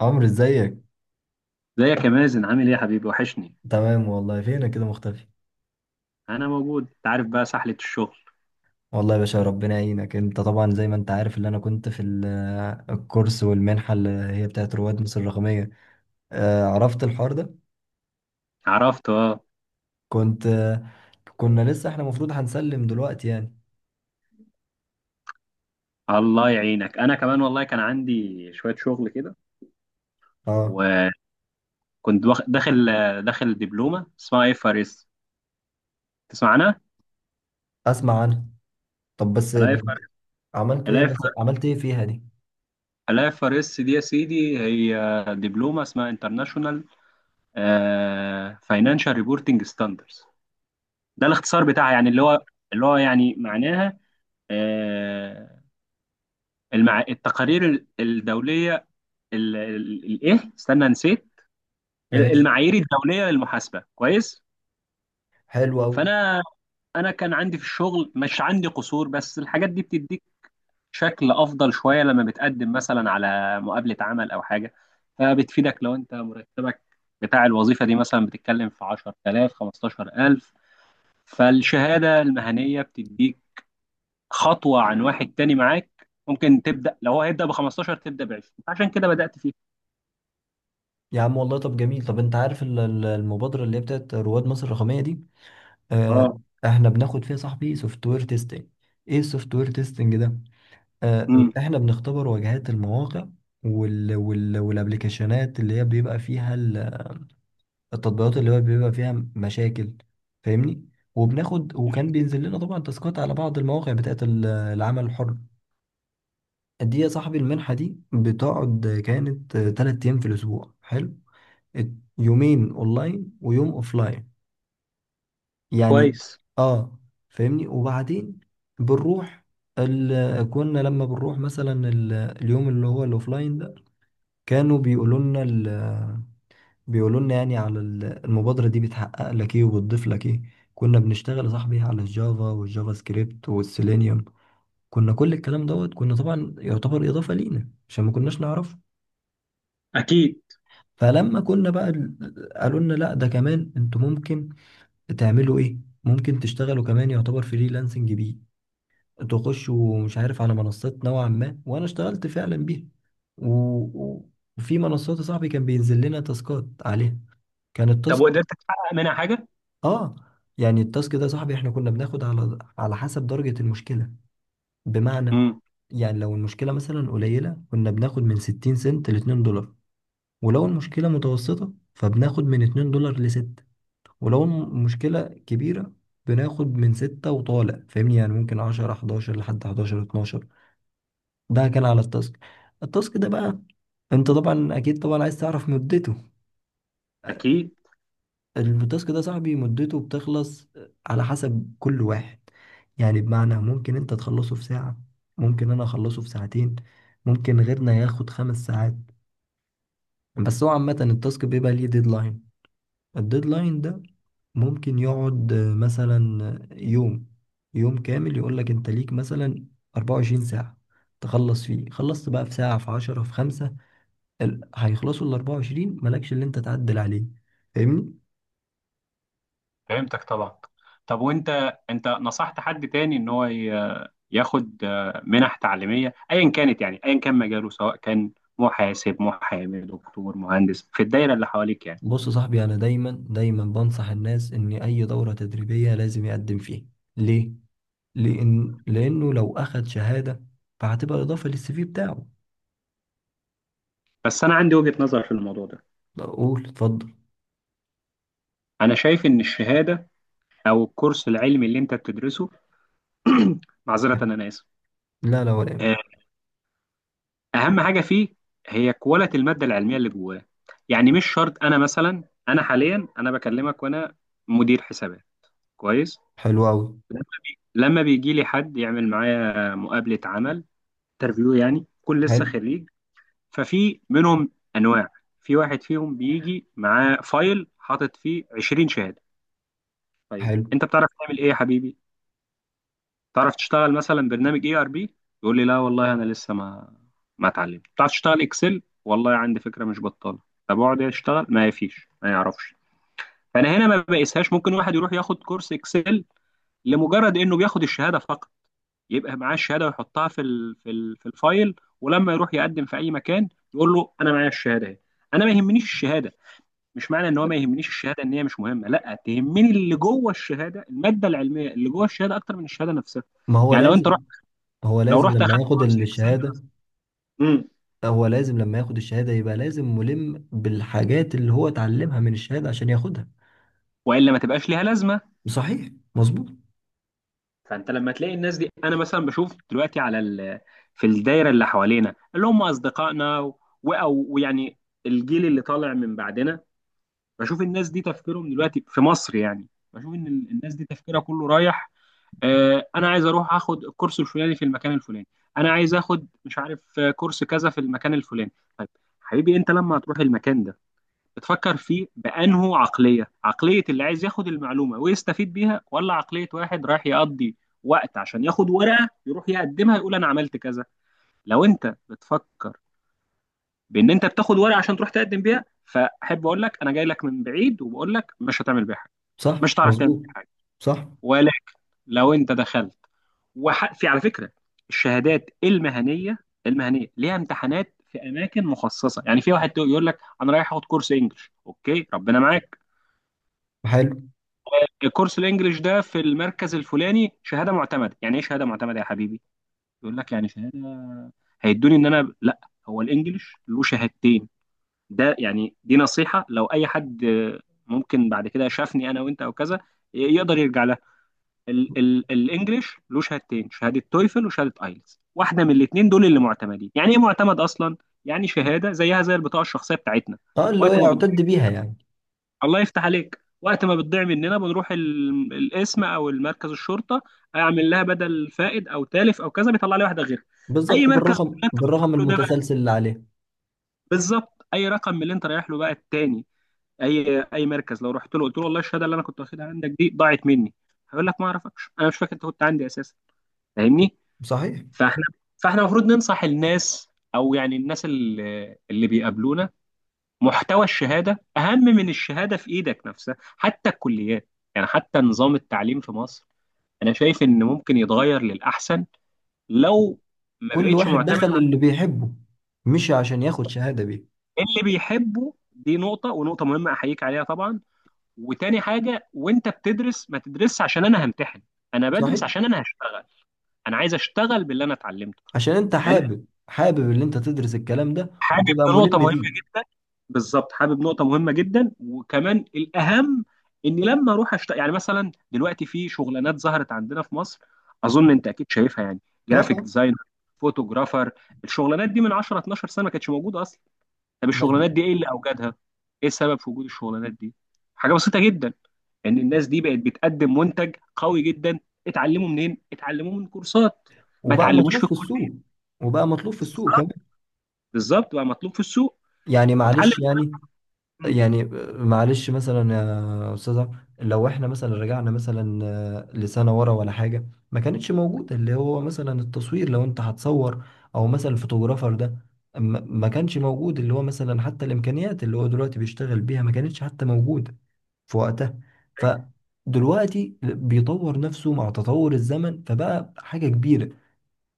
عمرو، ازيك؟ ازيك يا مازن، عامل ايه يا حبيبي؟ وحشني. تمام والله. فينك كده مختفي؟ انا موجود، انت عارف بقى سحلة الشغل. والله يا باشا ربنا يعينك. انت طبعا زي ما انت عارف اللي انا كنت في الكورس والمنحه اللي هي بتاعت رواد مصر الرقميه. عرفت الحوار ده؟ عرفت، اه. كنت، كنا لسه احنا المفروض هنسلم دلوقتي يعني. الله يعينك، انا كمان والله كان عندي شوية شغل كده. اه، وكنت واخ- داخل داخل دبلومة اسمها اف ار اس، تسمع عنها؟ اسمع عنها. طب الاف ار عملتوا ايه؟ الاف ار مثلا عملت ايه فيها دي؟ الاف ار اس دي يا سيدي، هي دبلومة اسمها انترناشونال فاينانشال ريبورتنج ستاندرز. ده الاختصار بتاعها، يعني اللي هو يعني معناها آه، التقارير الدولية، ال- ال- الايه استنى نسيت، ماشي. المعايير الدوليه للمحاسبه. كويس. حلو قوي. فانا كان عندي في الشغل، مش عندي قصور، بس الحاجات دي بتديك شكل افضل شويه لما بتقدم مثلا على مقابله عمل او حاجه. فبتفيدك لو انت مرتبك بتاع الوظيفه دي مثلا بتتكلم في 10000، 15000. فالشهاده المهنيه بتديك خطوه عن واحد تاني معاك، ممكن تبدا لو هو هيبدا ب 15 تبدا ب 20، عشان كده بدات فيه. يا عم والله، طب جميل. طب انت عارف المبادره اللي هي بتاعت رواد مصر الرقميه دي؟ آه، اه. احنا بناخد فيها صاحبي سوفت وير تيستنج. ايه السوفت وير تيستنج ده؟ امم احنا بنختبر واجهات المواقع وال وال والابلكيشنات اللي هي بيبقى فيها التطبيقات اللي هو بيبقى فيها مشاكل، فاهمني؟ وبناخد، وكان بينزل لنا طبعا تاسكات على بعض المواقع بتاعت العمل الحر. دي يا صاحبي المنحة دي بتقعد، كانت تلات ايام في الاسبوع. حلو. ات- يومين اونلاين ويوم اوفلاين يعني. كويس. اه، فاهمني؟ وبعدين بنروح كنا لما بنروح مثلا اليوم اللي هو الاوفلاين ده كانوا بيقولوا لنا بيقولوا لنا يعني على المبادرة دي بتحقق لك ايه وبتضيف لك ايه. كنا بنشتغل يا صاحبي على الجافا والجافا سكريبت والسيلينيوم. كنا كل الكلام دوت، كنا طبعا يعتبر إضافة لينا عشان ما كناش نعرفه. اكيد. فلما كنا بقى قالوا لنا لا ده كمان انتوا ممكن تعملوا ايه، ممكن تشتغلوا كمان يعتبر فريلانسنج بيه، تخشوا مش عارف على منصات نوعا ما، وانا اشتغلت فعلا بيها. و... و- وفي منصات يا صاحبي كان بينزل لنا تاسكات عليها. كان طب التاسك، وقدرت تحقق منها حاجة؟ اه، يعني التاسك ده يا صاحبي احنا كنا بناخد على حسب درجة المشكلة. بمعنى، امم يعني لو المشكلة مثلا قليلة كنا بناخد من 60 سنت ل $2. ولو المشكلة متوسطة فبناخد من $2 ل 6. ولو المشكلة كبيرة بناخد من 6 وطالع، فاهمني؟ يعني ممكن 10 11 لحد 11 12. ده كان على التاسك. التاسك ده بقى، انت طبعا اكيد طبعا عايز تعرف مدته. اكيد. التاسك ده صاحبي مدته بتخلص على حسب كل واحد. يعني بمعنى ممكن انت تخلصه في ساعة، ممكن انا اخلصه في ساعتين، ممكن غيرنا ياخد خمس ساعات. بس هو عامة التاسك بيبقى ليه ديدلاين. الديدلاين ده ممكن يقعد مثلا يوم، يوم كامل يقولك انت ليك مثلا 24 ساعة تخلص فيه. خلصت بقى في ساعة، في عشرة، في خمسة، هيخلصوا ال 24، مالكش اللي انت تعدل عليه، فاهمني؟ فهمتك طبعا. طب وانت، نصحت حد تاني ان هو ياخد منح تعليمية ايا كانت؟ يعني ايا كان مجاله، سواء كان محاسب، محامي، دكتور، مهندس، في الدايرة اللي حواليك يعني. بص يا صاحبي، انا دايما دايما بنصح الناس ان اي دورة تدريبية لازم يقدم فيها. ليه؟ لانه لو اخد شهادة فهتبقى اضافة للسي في بتاعه. بس انا عندي وجهة نظر في الموضوع ده. لا، قول اتفضل. انا شايف ان الشهادة او الكورس العلمي اللي انت بتدرسه معذرة انا اسف. لا لا، ولا آه، يهمك. اهم حاجه فيه هي كواليتي الماده العلميه اللي جواه. يعني مش شرط، انا مثلا، انا حاليا انا بكلمك وانا مدير حسابات. كويس. حلو قوي. لما لما بيجي لي حد يعمل معايا مقابله عمل، انترفيو يعني، كل لسه حلو. خريج. ففي منهم انواع، في واحد فيهم بيجي معاه فايل حاطط فيه 20 شهاده. طيب حلو. انت بتعرف تعمل ايه يا حبيبي؟ تعرف تشتغل مثلا برنامج اي ار بي؟ يقول لي لا والله انا لسه ما اتعلمت. تعرف تشتغل اكسل؟ والله عندي فكره مش بطاله. طب اقعد اشتغل؟ ما فيش، ما يعرفش. فانا هنا ما بقيسهاش. ممكن واحد يروح ياخد كورس اكسل لمجرد انه بياخد الشهاده فقط، يبقى معاه الشهاده ويحطها في الفايل، ولما يروح يقدم في اي مكان يقول له انا معايا الشهاده اهي. انا ما يهمنيش الشهاده، مش معنى ان هو ما يهمنيش الشهاده ان هي مش مهمه، لا، تهمني اللي جوه الشهاده، الماده العلميه اللي جوه الشهاده اكتر من الشهاده نفسها. ما هو يعني لازم. هو لو لازم رحت لما اخدت ياخد كورس اكسل الشهادة، مثلا، امم هو لازم لما ياخد الشهادة يبقى لازم ملم بالحاجات اللي هو اتعلمها من الشهادة عشان ياخدها. والا ما تبقاش ليها لازمه. صحيح، مظبوط. فانت لما تلاقي الناس دي، انا مثلا بشوف دلوقتي على في الدايره اللي حوالينا، اللي هم اصدقائنا و... او ويعني الجيل اللي طالع من بعدنا، بشوف الناس دي تفكيرهم دلوقتي في مصر يعني. بشوف ان الناس دي تفكيرها كله رايح، انا عايز اروح اخد الكورس الفلاني في المكان الفلاني، انا عايز اخد مش عارف كورس كذا في المكان الفلاني. طيب حبيبي، انت لما هتروح المكان ده بتفكر فيه بأنه عقلية، عقلية اللي عايز ياخد المعلومة ويستفيد بيها، ولا عقلية واحد رايح يقضي وقت عشان ياخد ورقة يروح يقدمها يقول أنا عملت كذا؟ لو أنت بتفكر بأن أنت بتاخد ورقة عشان تروح تقدم بيها، فأحب أقول لك أنا جاي لك من بعيد، وبقول لك مش هتعمل بيها حاجة، صح، مش هتعرف تعمل مظبوط. بيها حاجة. صح. ولكن لو أنت دخلت في، على فكرة، الشهادات المهنية، ليها امتحانات في أماكن مخصصة. يعني في واحد يقول لك أنا رايح أخد كورس إنجلش، أوكي، ربنا معاك. حلو. الكورس الانجليش ده في المركز الفلاني، شهاده معتمده. يعني ايه شهاده معتمده يا حبيبي؟ يقول لك يعني شهاده هيدوني ان انا، لا، هو الانجليش له شهادتين. ده يعني دي نصيحه لو اي حد ممكن بعد كده شافني انا وانت او كذا يقدر يرجع لها. ال ال الانجليش له شهادتين: شهاده تويفل وشهاده ايلتس، واحده من الاثنين دول اللي معتمدين. يعني ايه معتمد اصلا؟ يعني شهاده زيها زي البطاقه الشخصيه بتاعتنا، اه، اللي هو وقت ما يعتد بيها يعني. الله يفتح عليك وقت ما بتضيع مننا، بنروح القسم او المركز الشرطه، اعمل لها بدل فائد او تالف او كذا، بيطلع لي واحده غيرها. اي بالظبط، مركز من اللي بالرقم، انت بتروح بالرقم له ده بقى، المتسلسل اللي عليه. بالظبط، اي رقم من اللي انت رايح له بقى التاني. اي مركز لو رحت له قلت له والله الشهاده اللي انا كنت واخدها عندك دي ضاعت مني، هيقول لك ما اعرفكش، انا مش فاكر انت كنت عندي اساسا، فاهمني؟ صحيح. فاحنا فاحنا المفروض ننصح الناس، او يعني الناس اللي بيقابلونا، محتوى الشهاده اهم من الشهاده في ايدك نفسها. حتى الكليات، يعني حتى نظام التعليم في مصر، انا شايف ان ممكن يتغير للاحسن لو ما كل بقتش واحد معتمد دخل اللي على بيحبه، مش عشان ياخد شهادة بيه. اللي بيحبه. دي نقطه، ونقطه مهمه احييك عليها طبعا. وتاني حاجه، وانت بتدرس ما تدرسش عشان انا همتحن، انا بدرس صحيح. عشان انا هشتغل، انا عايز اشتغل باللي انا اتعلمته. عشان انت لان حابب، حابب اللي انت تدرس الكلام ده حابب وتبقى نقطة ملم مهمة بيه. جدا، بالظبط، حابب نقطة مهمة جدا، وكمان الأهم إني لما أروح يعني مثلا دلوقتي في شغلانات ظهرت عندنا في مصر، أظن أنت أكيد شايفها يعني، اه، جرافيك اه، ديزاينر، فوتوغرافر. الشغلانات دي من 10، 12 سنة ما كانتش موجودة أصلا. طب مظبوط. الشغلانات دي إيه اللي أوجدها؟ إيه سبب في وجود الشغلانات دي؟ حاجة بسيطة جدا، إن الناس دي بقت بتقدم منتج قوي جدا. اتعلموا منين؟ اتعلموه من كورسات، ما وبقى اتعلموش مطلوب في في الكلية. السوق. وبقى مطلوب في السوق بالظبط، كمان. بالظبط بقى مطلوب في السوق. يعني اتعلم. معلش، يعني، يعني معلش مثلا يا استاذه، لو احنا مثلا رجعنا مثلا لسنه ورا ولا حاجه، ما كانتش موجوده اللي هو مثلا التصوير. لو انت هتصور او مثلا الفوتوغرافر ده، ما كانش موجود اللي هو، مثلا حتى الامكانيات اللي هو دلوقتي بيشتغل بيها ما كانتش حتى موجوده في وقتها. فدلوقتي بيطور نفسه مع تطور الزمن، فبقى حاجه كبيره.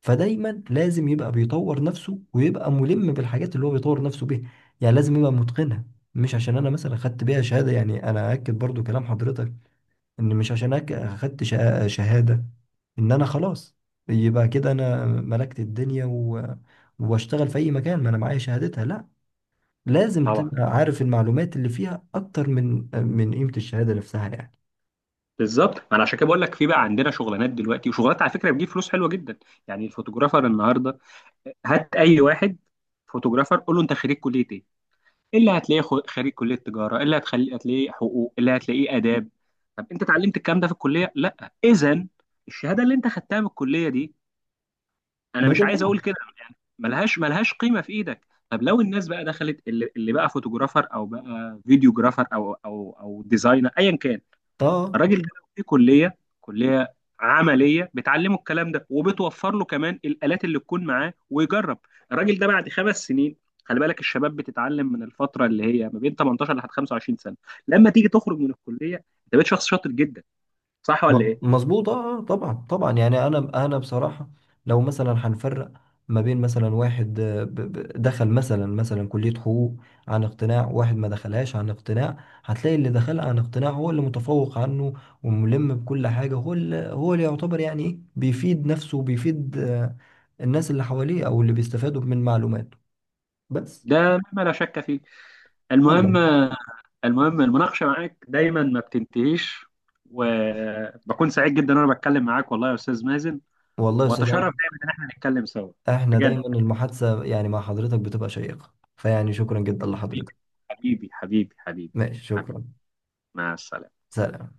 فدايما لازم يبقى بيطور نفسه ويبقى ملم بالحاجات اللي هو بيطور نفسه بيها، يعني لازم يبقى متقنها. مش عشان انا مثلا خدت بيها شهادة. يعني انا اكد برضو كلام حضرتك، ان مش عشان شهادة ان انا خلاص، يبقى كده انا ملكت الدنيا واشتغل في اي مكان ما انا معايا شهادتها. لا، لازم طبعا، تبقى عارف المعلومات اللي فيها اكتر من قيمة الشهادة نفسها يعني. بالظبط، ما انا عشان كده بقول لك في بقى عندنا شغلانات دلوقتي، وشغلانات على فكره بتجيب فلوس حلوه جدا. يعني الفوتوجرافر النهارده، هات اي واحد فوتوجرافر قول له انت خريج كليه ايه، اللي هتلاقيه خريج كليه تجاره، اللي هتخلي هتلاقيه حقوق، اللي هتلاقيه اداب. طب انت اتعلمت الكلام ده في الكليه؟ لا، اذا الشهاده اللي انت خدتها من الكليه دي، انا ما مش عايز اقول تنفعش. كده، يعني ملهاش قيمه في ايدك. طب لو الناس بقى دخلت اللي بقى فوتوجرافر او بقى فيديوجرافر او ديزاينر ايا كان، اه. الراجل ده لو في كليه عمليه بتعلمه الكلام ده وبتوفر له كمان الالات اللي تكون معاه ويجرب، الراجل ده بعد 5 سنين. خلي بالك الشباب بتتعلم من الفتره اللي هي ما بين 18 لحد 25 سنه، لما تيجي تخرج من الكليه انت بقيت شخص شاطر جدا، صح ولا ايه؟ مظبوط. اه، طبعا، طبعا. يعني انا بصراحه لو مثلا هنفرق ما بين مثلا واحد دخل مثلا كليه حقوق عن اقتناع، واحد ما دخلهاش عن اقتناع، هتلاقي اللي دخل عن اقتناع هو اللي متفوق عنه وملم بكل حاجه. هو اللي يعتبر يعني ايه، بيفيد نفسه وبيفيد، الناس اللي حواليه او اللي بيستفادوا من معلوماته. بس. ده مما لا شك فيه. المهم يلا. المهم المناقشه معاك دايما ما بتنتهيش، وبكون سعيد جدا وانا بتكلم معاك والله يا استاذ مازن، والله يا استاذ واتشرف عمرو، دايما ان احنا نتكلم سوا. احنا بجد. دايما المحادثه يعني مع حضرتك بتبقى شيقه، فيعني شكرا جدا حبيبي، لحضرتك. حبيبي، حبيبي، حبيبي، ماشي، حبيبي. شكرا. مع السلامة. سلام.